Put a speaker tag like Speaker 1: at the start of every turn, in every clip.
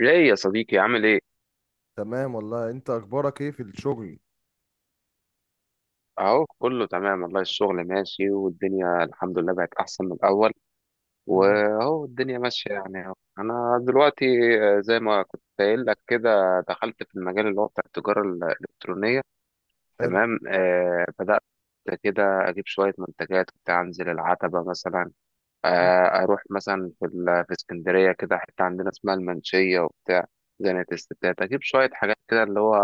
Speaker 1: ايه يا صديقي، عامل ايه؟
Speaker 2: تمام والله، انت اخبارك ايه في الشغل؟
Speaker 1: اهو كله تمام والله، الشغل ماشي والدنيا الحمد لله بقت احسن من الاول.
Speaker 2: مم.
Speaker 1: واهو الدنيا ماشيه يعني اهو. انا دلوقتي، زي ما كنت قايل لك كده دخلت في المجال اللي هو بتاع التجاره الالكترونيه.
Speaker 2: حلو.
Speaker 1: تمام، بدات كده اجيب شويه منتجات، كنت انزل العتبه مثلا.
Speaker 2: مم.
Speaker 1: اروح مثلا في في اسكندريه كده، حته عندنا اسمها المنشيه وبتاع زنقة الستات. اجيب شويه حاجات كده اللي هو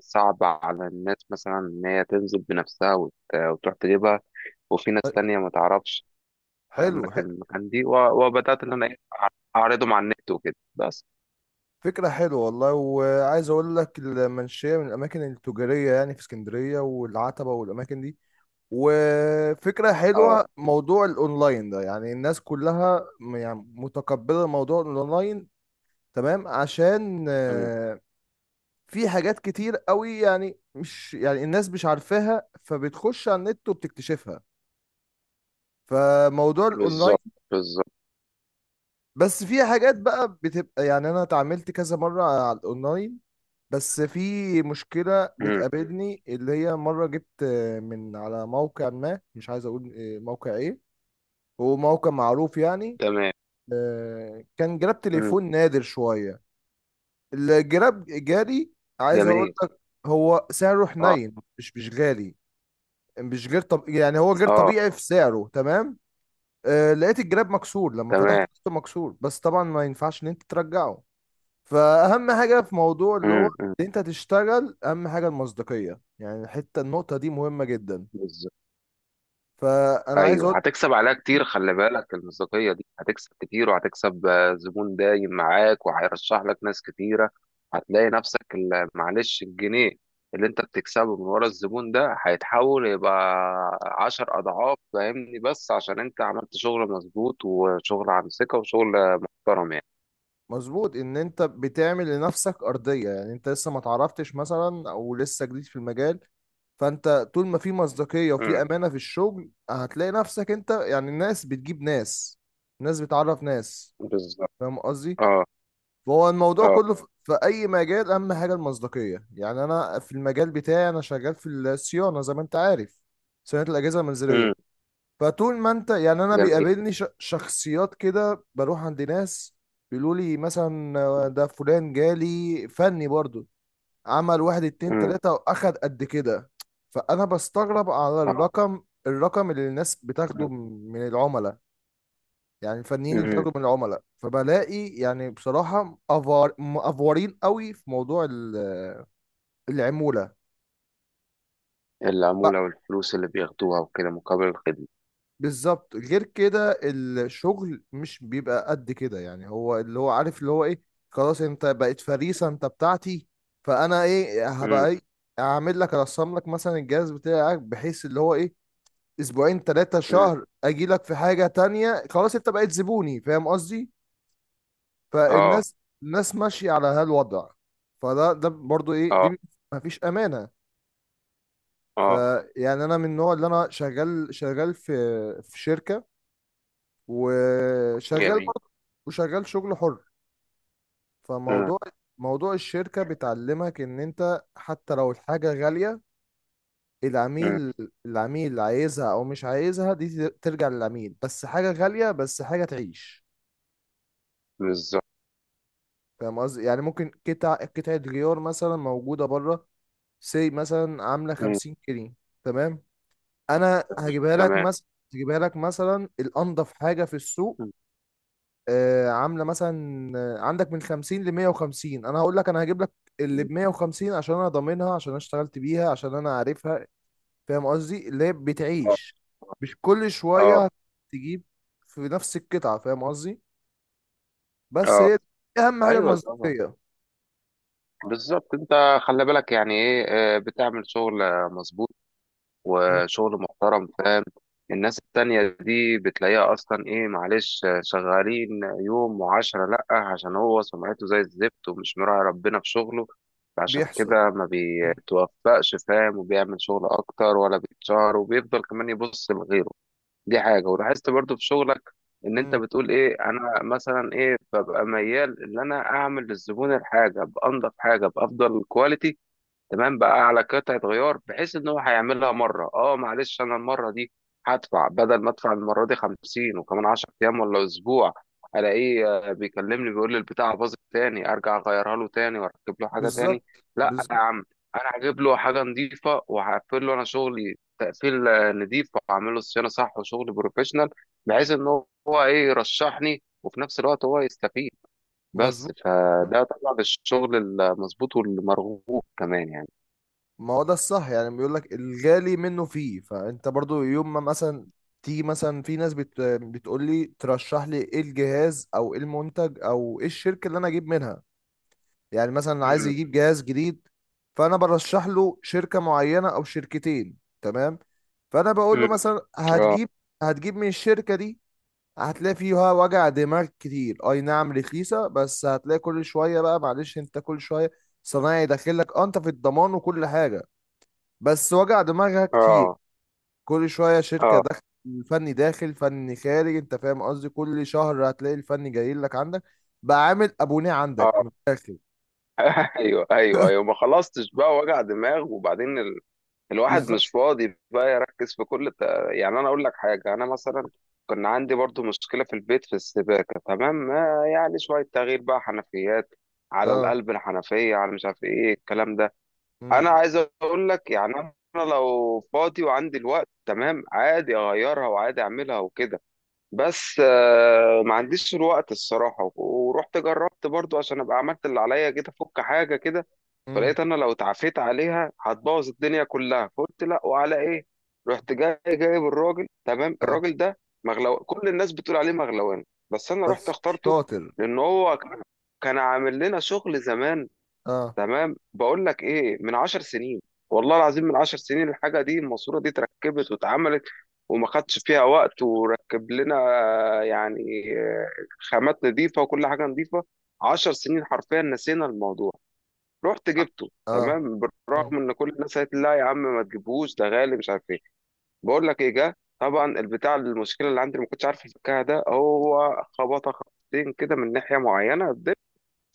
Speaker 1: صعب على الناس مثلا ان هي تنزل بنفسها وتروح تجيبها. وفي ناس تانية ما تعرفش
Speaker 2: حلو.
Speaker 1: اماكن المكان دي، وبدات ان انا اعرضه مع النت وكده بس.
Speaker 2: فكرة حلوة والله، وعايز اقول لك المنشية من الاماكن التجارية يعني في اسكندرية، والعتبة والاماكن دي. وفكرة
Speaker 1: اه.
Speaker 2: حلوة موضوع الاونلاين ده، يعني الناس كلها يعني متقبلة موضوع الاونلاين. تمام، عشان
Speaker 1: أمم.
Speaker 2: في حاجات كتير قوي، يعني مش يعني الناس مش عارفاها، فبتخش على النت وبتكتشفها، فموضوع الاونلاين.
Speaker 1: بالظبط، بالظبط.
Speaker 2: بس في حاجات بقى بتبقى، يعني انا اتعاملت كذا مرة على الاونلاين، بس في مشكلة
Speaker 1: أمم.
Speaker 2: بتقابلني اللي هي مرة جبت من على موقع، ما مش عايز اقول موقع ايه، هو موقع معروف يعني.
Speaker 1: تمام.
Speaker 2: كان جراب
Speaker 1: أمم.
Speaker 2: تليفون نادر شوية، الجراب جالي، عايز اقول
Speaker 1: جميل.
Speaker 2: لك هو سعره
Speaker 1: اه.
Speaker 2: حنين، مش غالي، مش غير، طب يعني هو غير
Speaker 1: اه.
Speaker 2: طبيعي في سعره، تمام. لقيت الجراب مكسور، لما
Speaker 1: تمام.
Speaker 2: فتحته لقيته مكسور، بس طبعا ما ينفعش ان انت ترجعه. فأهم حاجة في موضوع اللي هو
Speaker 1: أمم، أمم.
Speaker 2: إن أنت تشتغل، أهم حاجة المصداقية، يعني النقطة دي مهمة جدا.
Speaker 1: بالظبط.
Speaker 2: فأنا عايز أقول،
Speaker 1: ايوه، هتكسب عليها كتير، خلي بالك المصداقيه دي هتكسب كتير، وهتكسب زبون دايم معاك وهيرشح لك ناس كتيره. هتلاقي نفسك معلش، الجنيه اللي انت بتكسبه من ورا الزبون ده هيتحول يبقى 10 اضعاف، فاهمني؟ بس عشان انت عملت شغل مظبوط وشغل عن ثقه وشغل محترم يعني.
Speaker 2: مظبوط ان انت بتعمل لنفسك ارضيه، يعني انت لسه ما تعرفتش مثلا، او لسه جديد في المجال، فانت طول ما في مصداقيه وفي
Speaker 1: امم.
Speaker 2: امانه في الشغل، هتلاقي نفسك انت، يعني الناس بتجيب ناس، الناس بتعرف ناس،
Speaker 1: بالظبط.
Speaker 2: فاهم قصدي؟
Speaker 1: اه.
Speaker 2: فهو الموضوع
Speaker 1: اه.
Speaker 2: كله في اي مجال اهم حاجه المصداقيه، يعني انا في المجال بتاعي انا شغال في الصيانه، زي ما انت عارف، صيانه الاجهزه
Speaker 1: امم.
Speaker 2: المنزليه. فطول ما انت يعني انا
Speaker 1: جميل.
Speaker 2: بيقابلني شخصيات كده، بروح عند ناس بيقولوا لي مثلا ده فلان جالي فني برضو، عمل واحد اتنين
Speaker 1: امم.
Speaker 2: تلاته واخد قد كده. فانا بستغرب على
Speaker 1: اه.
Speaker 2: الرقم اللي الناس بتاخده
Speaker 1: امم.
Speaker 2: من العملاء، يعني الفنيين اللي
Speaker 1: امم.
Speaker 2: بتاخده من العملاء، فبلاقي يعني بصراحة مأفورين قوي في موضوع العمولة. ب-
Speaker 1: العموله والفلوس اللي بياخدوها وكده، مقابل الخدمه.
Speaker 2: بالظبط، غير كده الشغل مش بيبقى قد كده، يعني هو اللي هو عارف اللي هو ايه، خلاص انت بقيت فريسة، انت بتاعتي. فانا ايه
Speaker 1: امم.
Speaker 2: هبقى ايه، اعمل لك ارسم لك مثلا الجهاز بتاعك، بحيث اللي هو ايه، اسبوعين ثلاثة
Speaker 1: امم.
Speaker 2: شهر اجي لك في حاجة تانية، خلاص انت بقيت زبوني، فاهم قصدي؟
Speaker 1: اه.
Speaker 2: فالناس ماشيه على هالوضع. فده برضو ايه
Speaker 1: اه.
Speaker 2: دي، ما فيش امانه.
Speaker 1: اه.
Speaker 2: فيعني انا من النوع اللي انا شغال في شركه، وشغال
Speaker 1: جميل.
Speaker 2: برضو، وشغال شغل حر.
Speaker 1: مم،
Speaker 2: فموضوع الشركه بتعلمك ان انت حتى لو الحاجه غاليه،
Speaker 1: مم.
Speaker 2: العميل العميل عايزها او مش عايزها، دي ترجع للعميل، بس حاجه غاليه بس حاجه تعيش،
Speaker 1: بالظبط.
Speaker 2: فاهم قصدي؟ يعني ممكن قطعه غيار مثلا موجوده بره، سي مثلا عامله
Speaker 1: مم،
Speaker 2: 50 جنيه، تمام، انا
Speaker 1: مم. تمام.
Speaker 2: هجيبها لك مثلا الانضف حاجه في السوق،
Speaker 1: مم،
Speaker 2: عامله مثلا عندك من 50 ل 150، انا هقول لك انا هجيب لك اللي
Speaker 1: مم.
Speaker 2: ب 150، عشان انا ضامنها، عشان انا اشتغلت بيها، عشان انا عارفها، فاهم قصدي؟ اللي هي
Speaker 1: اه.
Speaker 2: بتعيش، مش كل شويه
Speaker 1: اه.
Speaker 2: تجيب في نفس القطعه، فاهم قصدي؟ بس
Speaker 1: اه.
Speaker 2: هي دي اهم حاجه،
Speaker 1: ايوه طبعا.
Speaker 2: المصداقيه.
Speaker 1: بالظبط، انت خلي بالك يعني ايه، بتعمل شغل مظبوط،
Speaker 2: م،
Speaker 1: وشغل محترم، فاهم؟ الناس التانية دي بتلاقيها اصلا ايه؟ معلش، شغالين يوم وعشرة لأ، عشان هو سمعته زي الزفت ومش مراعي ربنا في شغله. عشان
Speaker 2: بيحصل.
Speaker 1: كده ما
Speaker 2: م،
Speaker 1: بيتوفقش، فاهم؟ وبيعمل شغل اكتر ولا بيتشهر، وبيفضل كمان يبص لغيره. دي حاجة، ولاحظت برضو في شغلك ان انت
Speaker 2: م،
Speaker 1: بتقول ايه: انا مثلا ايه، ببقى ميال ان انا اعمل للزبون الحاجة بانضف حاجة، بافضل كواليتي. تمام، بقى على قطعة غيار بحيث ان هو هيعملها مرة، اه معلش، انا المرة دي هدفع بدل ما ادفع المرة دي 50 وكمان 10 ايام ولا اسبوع الاقيه بيكلمني بيقول لي البتاعة باظت تاني، ارجع اغيرها له تاني واركب له حاجة تاني.
Speaker 2: بالظبط،
Speaker 1: لا يا
Speaker 2: بالظبط.
Speaker 1: عم، انا هجيب له حاجة نظيفة، وهقفل له انا شغلي تقفيل نضيف، واعمل له صيانة صح وشغل بروفيشنال، بحيث ان هو ايه يرشحني، وفي نفس الوقت هو يستفيد. بس
Speaker 2: مظبوط،
Speaker 1: فده طبعا الشغل المظبوط والمرغوب كمان يعني.
Speaker 2: ما هو ده الصح، يعني بيقول لك الغالي منه فيه. فانت برضو يوم ما مثلا تيجي، مثلا في ناس بتقول لي ترشح لي ايه الجهاز او ايه المنتج او ايه الشركة اللي انا اجيب منها، يعني مثلا عايز
Speaker 1: امم.
Speaker 2: يجيب جهاز جديد، فانا برشح له شركة معينة او شركتين، تمام. فانا بقول له
Speaker 1: امم.
Speaker 2: مثلا
Speaker 1: اه.
Speaker 2: هتجيب من الشركة دي، هتلاقي فيها وجع دماغ كتير، اي نعم رخيصة، بس هتلاقي كل شوية بقى معلش انت، كل شوية صنايعي داخل لك، اه انت في الضمان وكل حاجة، بس وجع دماغها كتير،
Speaker 1: اه.
Speaker 2: كل شوية شركة
Speaker 1: اه.
Speaker 2: داخل، فني داخل فني خارج، انت فاهم قصدي، كل شهر هتلاقي الفني جاي لك عندك، بقى عامل ابونيه عندك
Speaker 1: اه.
Speaker 2: من الاخر.
Speaker 1: ايوه، ايوه، ايوه، ما خلصتش بقى وجع دماغ، وبعدين الواحد
Speaker 2: بالظبط.
Speaker 1: مش فاضي بقى يركز في كل يعني انا اقول لك حاجه، انا مثلا كان عندي برضو مشكله في البيت في السباكه، تمام، ما يعني شويه تغيير بقى حنفيات على
Speaker 2: اه.
Speaker 1: القلب، الحنفيه على مش عارف ايه الكلام ده. انا
Speaker 2: مم.
Speaker 1: عايز اقول لك يعني، انا لو فاضي وعندي الوقت تمام، عادي اغيرها وعادي اعملها وكده. بس ما عنديش الوقت الصراحة، ورحت جربت برضو عشان أبقى عملت اللي عليا، جيت أفك حاجة كده.
Speaker 2: مم.
Speaker 1: فلقيت أنا لو اتعافيت عليها هتبوظ الدنيا كلها، فقلت لا، وعلى إيه؟ رحت جاي جايب الراجل، تمام،
Speaker 2: اه.
Speaker 1: الراجل ده مغلو، كل الناس بتقول عليه مغلوان، بس أنا رحت
Speaker 2: بس
Speaker 1: اخترته
Speaker 2: شاطر.
Speaker 1: لأن هو كان عامل لنا شغل زمان.
Speaker 2: اه،
Speaker 1: تمام، بقول لك ايه، من 10 سنين، والله العظيم، من 10 سنين الحاجه دي الماسوره دي اتركبت واتعملت، وما خدش فيها وقت، وركب لنا يعني آه، خامات نظيفه وكل حاجه نظيفه. 10 سنين حرفيا نسينا الموضوع. رحت
Speaker 2: اه،
Speaker 1: جبته
Speaker 2: اه.
Speaker 1: تمام،
Speaker 2: مم.
Speaker 1: بالرغم ان كل الناس قالت لي لا يا عم ما تجيبهوش، ده غالي مش عارف ايه. بقول لك ايه، جه طبعا البتاع المشكله اللي عندي اللي ما كنتش عارف افكها ده، هو خبطه خبطتين كده من ناحيه معينه،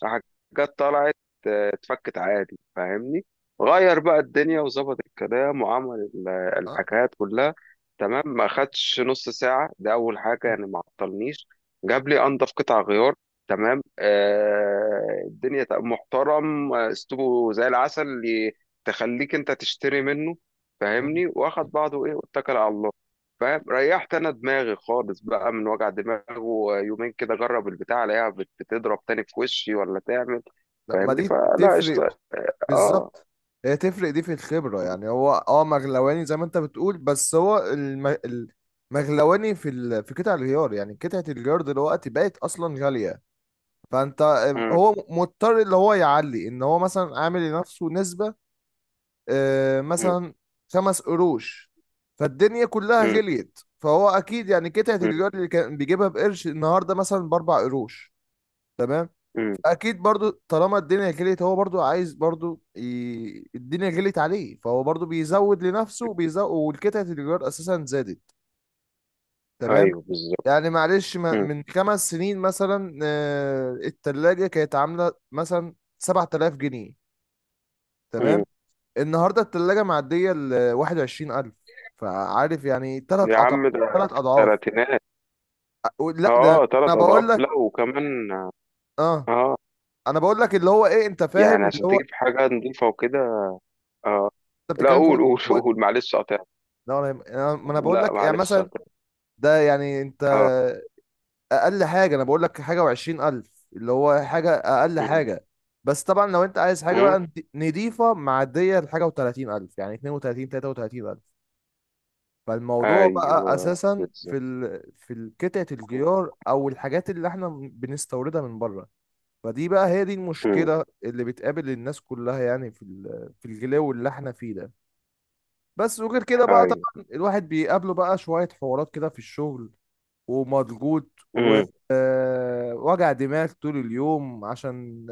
Speaker 1: حاجات طلعت اتفكت عادي، فاهمني؟ غير بقى الدنيا وظبط الكلام وعمل
Speaker 2: اه.
Speaker 1: الحكايات كلها. تمام، ما خدش نص ساعة، ده أول حاجة
Speaker 2: مم.
Speaker 1: يعني ما عطلنيش. جاب لي أنضف قطع غيار، تمام، الدنيا محترم، أسلوبه زي العسل اللي تخليك أنت تشتري منه،
Speaker 2: مم.
Speaker 1: فاهمني؟ واخد بعضه إيه، واتكل على الله، فاهم؟ ريحت انا دماغي خالص بقى من وجع دماغه، ويومين كده اجرب البتاع الاقيها بتضرب تاني في وشي ولا تعمل،
Speaker 2: لا، ما
Speaker 1: فاهمني؟
Speaker 2: دي
Speaker 1: فلا،
Speaker 2: تفرق،
Speaker 1: قشطه. اه.
Speaker 2: بالظبط. هي تفرق دي في الخبرة، يعني هو اه مغلواني زي ما انت بتقول، بس هو المغلواني في في قطع الغيار، يعني قطعة الغيار دلوقتي بقت اصلا غالية، فانت
Speaker 1: مم.
Speaker 2: هو مضطر اللي هو يعلي، ان هو مثلا عامل لنفسه نسبة
Speaker 1: مم.
Speaker 2: مثلا خمس قروش، فالدنيا كلها
Speaker 1: مم.
Speaker 2: غليت، فهو اكيد يعني قطعة
Speaker 1: مم.
Speaker 2: الجار اللي كان بيجيبها بقرش، النهارده مثلا باربع قروش، تمام،
Speaker 1: مم.
Speaker 2: اكيد برضو طالما الدنيا غليت هو برضو عايز برضو الدنيا غليت عليه، فهو برضو بيزود لنفسه وبيزود، والقطعة الجار اساسا زادت، تمام.
Speaker 1: ايوه، بالظبط.
Speaker 2: يعني معلش،
Speaker 1: مم.
Speaker 2: من 5 سنين مثلا التلاجة كانت عاملة مثلا 7000 جنيه،
Speaker 1: مم.
Speaker 2: تمام، النهاردة التلاجة معدية ال 21000، فعارف يعني تلات
Speaker 1: يا
Speaker 2: أضعاف،
Speaker 1: عم، ده
Speaker 2: تلات
Speaker 1: في
Speaker 2: أضعاف.
Speaker 1: الثلاثينات.
Speaker 2: أ- لا ده،
Speaker 1: اه،
Speaker 2: أنا
Speaker 1: ثلاث
Speaker 2: بقول
Speaker 1: اضعاف
Speaker 2: لك
Speaker 1: لا وكمان.
Speaker 2: أه
Speaker 1: اه.
Speaker 2: أنا بقول لك اللي هو إيه، أنت
Speaker 1: يعني
Speaker 2: فاهم اللي
Speaker 1: عشان
Speaker 2: هو،
Speaker 1: تجيب حاجه نظيفه وكده. اه.
Speaker 2: أنت
Speaker 1: لا،
Speaker 2: بتتكلم فوق،
Speaker 1: قول، قول.
Speaker 2: فوق-
Speaker 1: قول معلش، قطع.
Speaker 2: لا، ما أنا بقول
Speaker 1: لا
Speaker 2: لك، يعني
Speaker 1: معلش،
Speaker 2: مثلا
Speaker 1: قطع.
Speaker 2: ده يعني أنت،
Speaker 1: اه.
Speaker 2: اقل حاجه انا بقول لك حاجه وعشرين الف، اللي هو حاجه، اقل
Speaker 1: مم.
Speaker 2: حاجه. بس طبعا لو انت عايز حاجه
Speaker 1: مم.
Speaker 2: بقى نضيفه معديه لحاجه وتلاتين الف، يعني اتنين وتلاتين تلاته وتلاتين الف. فالموضوع بقى
Speaker 1: ايوه،
Speaker 2: اساسا في
Speaker 1: بالظبط.
Speaker 2: في قطعه الجيار او الحاجات اللي احنا بنستوردها من بره، فدي بقى هي دي المشكله اللي بتقابل الناس كلها، يعني في في الغلاوه اللي احنا فيه ده. بس وغير كده بقى
Speaker 1: ايوه.
Speaker 2: طبعا الواحد بيقابله بقى شوية حوارات كده في الشغل، ومضغوط
Speaker 1: امم.
Speaker 2: ووجع دماغ طول اليوم، عشان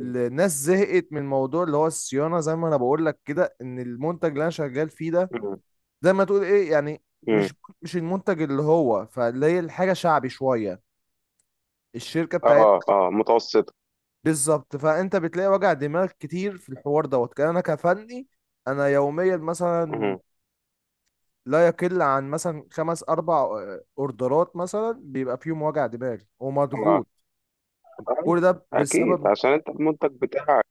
Speaker 1: امم.
Speaker 2: زهقت من موضوع اللي هو الصيانة، زي ما انا بقول لك كده، ان المنتج اللي انا شغال فيه ده
Speaker 1: امم.
Speaker 2: زي ما تقول ايه يعني،
Speaker 1: إمم.
Speaker 2: مش مش المنتج اللي هو، فاللي هي الحاجة شعبي شوية، الشركة بتاعت،
Speaker 1: اه. اه. متوسطة.
Speaker 2: بالظبط. فانت بتلاقي وجع دماغ كتير في الحوار، دوت كان انا كفني، انا يوميا مثلا
Speaker 1: امم.
Speaker 2: لا يقل عن مثلا خمس اربع اوردرات، مثلا بيبقى فيهم وجع دماغ
Speaker 1: اه.
Speaker 2: ومضغوط، كل
Speaker 1: أيوة.
Speaker 2: ده
Speaker 1: اكيد،
Speaker 2: بسبب،
Speaker 1: عشان انت المنتج بتاعك،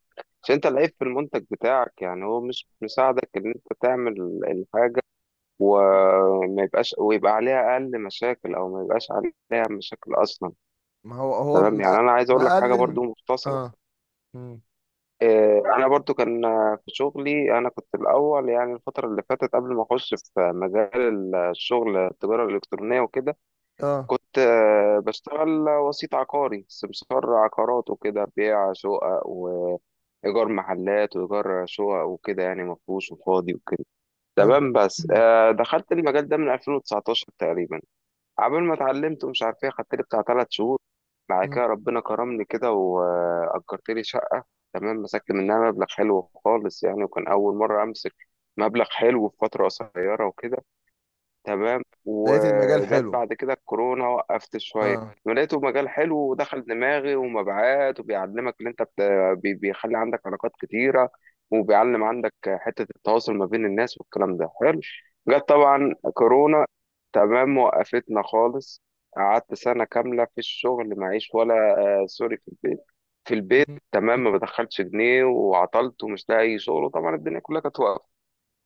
Speaker 1: عشان انت العيب في المنتج بتاعك يعني، هو مش مساعدك ان انت تعمل الحاجة، وما يبقاش ويبقى عليها اقل مشاكل، او ما يبقاش عليها مشاكل اصلا.
Speaker 2: ما هو
Speaker 1: تمام، يعني انا عايز اقول لك حاجة
Speaker 2: مقلل.
Speaker 1: برضو مختصرة.
Speaker 2: اه. مم.
Speaker 1: انا برضو كان في شغلي، انا كنت الاول يعني الفترة اللي فاتت قبل ما اخش في مجال الشغل التجارة الالكترونية وكده،
Speaker 2: اه.
Speaker 1: كنت بشتغل وسيط عقاري، سمسار عقارات، وكده بيع شقق وإيجار محلات وإيجار شقق وكده يعني، مفروش وفاضي وكده.
Speaker 2: حلو.
Speaker 1: تمام، بس دخلت المجال ده من 2019 تقريبا، قبل ما اتعلمت ومش عارف ايه، خدت لي بتاع 3 شهور. بعد
Speaker 2: مم.
Speaker 1: كده ربنا كرمني كده، وأجرت لي شقة. تمام، مسكت منها مبلغ حلو خالص يعني، وكان أول مرة أمسك مبلغ حلو في فترة قصيرة وكده. تمام،
Speaker 2: لقيت المجال
Speaker 1: وجت
Speaker 2: حلو.
Speaker 1: بعد كده الكورونا، وقفت شوية.
Speaker 2: اه.
Speaker 1: ولقيته مجال حلو ودخل دماغي، ومبيعات، وبيعلمك اللي انت بيخلي عندك علاقات كتيرة، وبيعلم عندك حتة التواصل ما بين الناس، والكلام ده حلو. جت طبعا كورونا، تمام، وقفتنا خالص. قعدت سنة كاملة في الشغل معيش ولا، آه سوري، في البيت. في البيت،
Speaker 2: مم.
Speaker 1: تمام، ما بدخلش جنيه وعطلت ومش لاقي شغل، وطبعا الدنيا كلها كانت واقفة.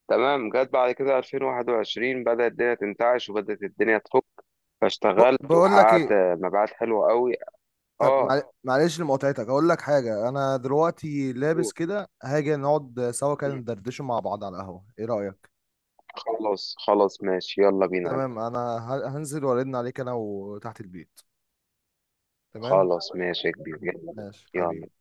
Speaker 1: تمام، جت بعد كده 2021 بدأت الدنيا تنتعش، وبدأت الدنيا تفك، فاشتغلت
Speaker 2: بقول لك
Speaker 1: وحققت
Speaker 2: ايه،
Speaker 1: مبيعات حلوة قوي.
Speaker 2: طب
Speaker 1: اه،
Speaker 2: معلش لمقاطعتك، هقول لك حاجه، انا دلوقتي لابس كده، هاجي نقعد سوا كده ندردش مع بعض على القهوه، ايه رايك؟
Speaker 1: خلاص، خلاص، ماشي، يلا بينا.
Speaker 2: تمام، انا هنزل وارن عليك، انا وتحت البيت، تمام،
Speaker 1: خلاص، ماشي يا كبير، يلا.
Speaker 2: ماشي
Speaker 1: يلا.
Speaker 2: حبيبي.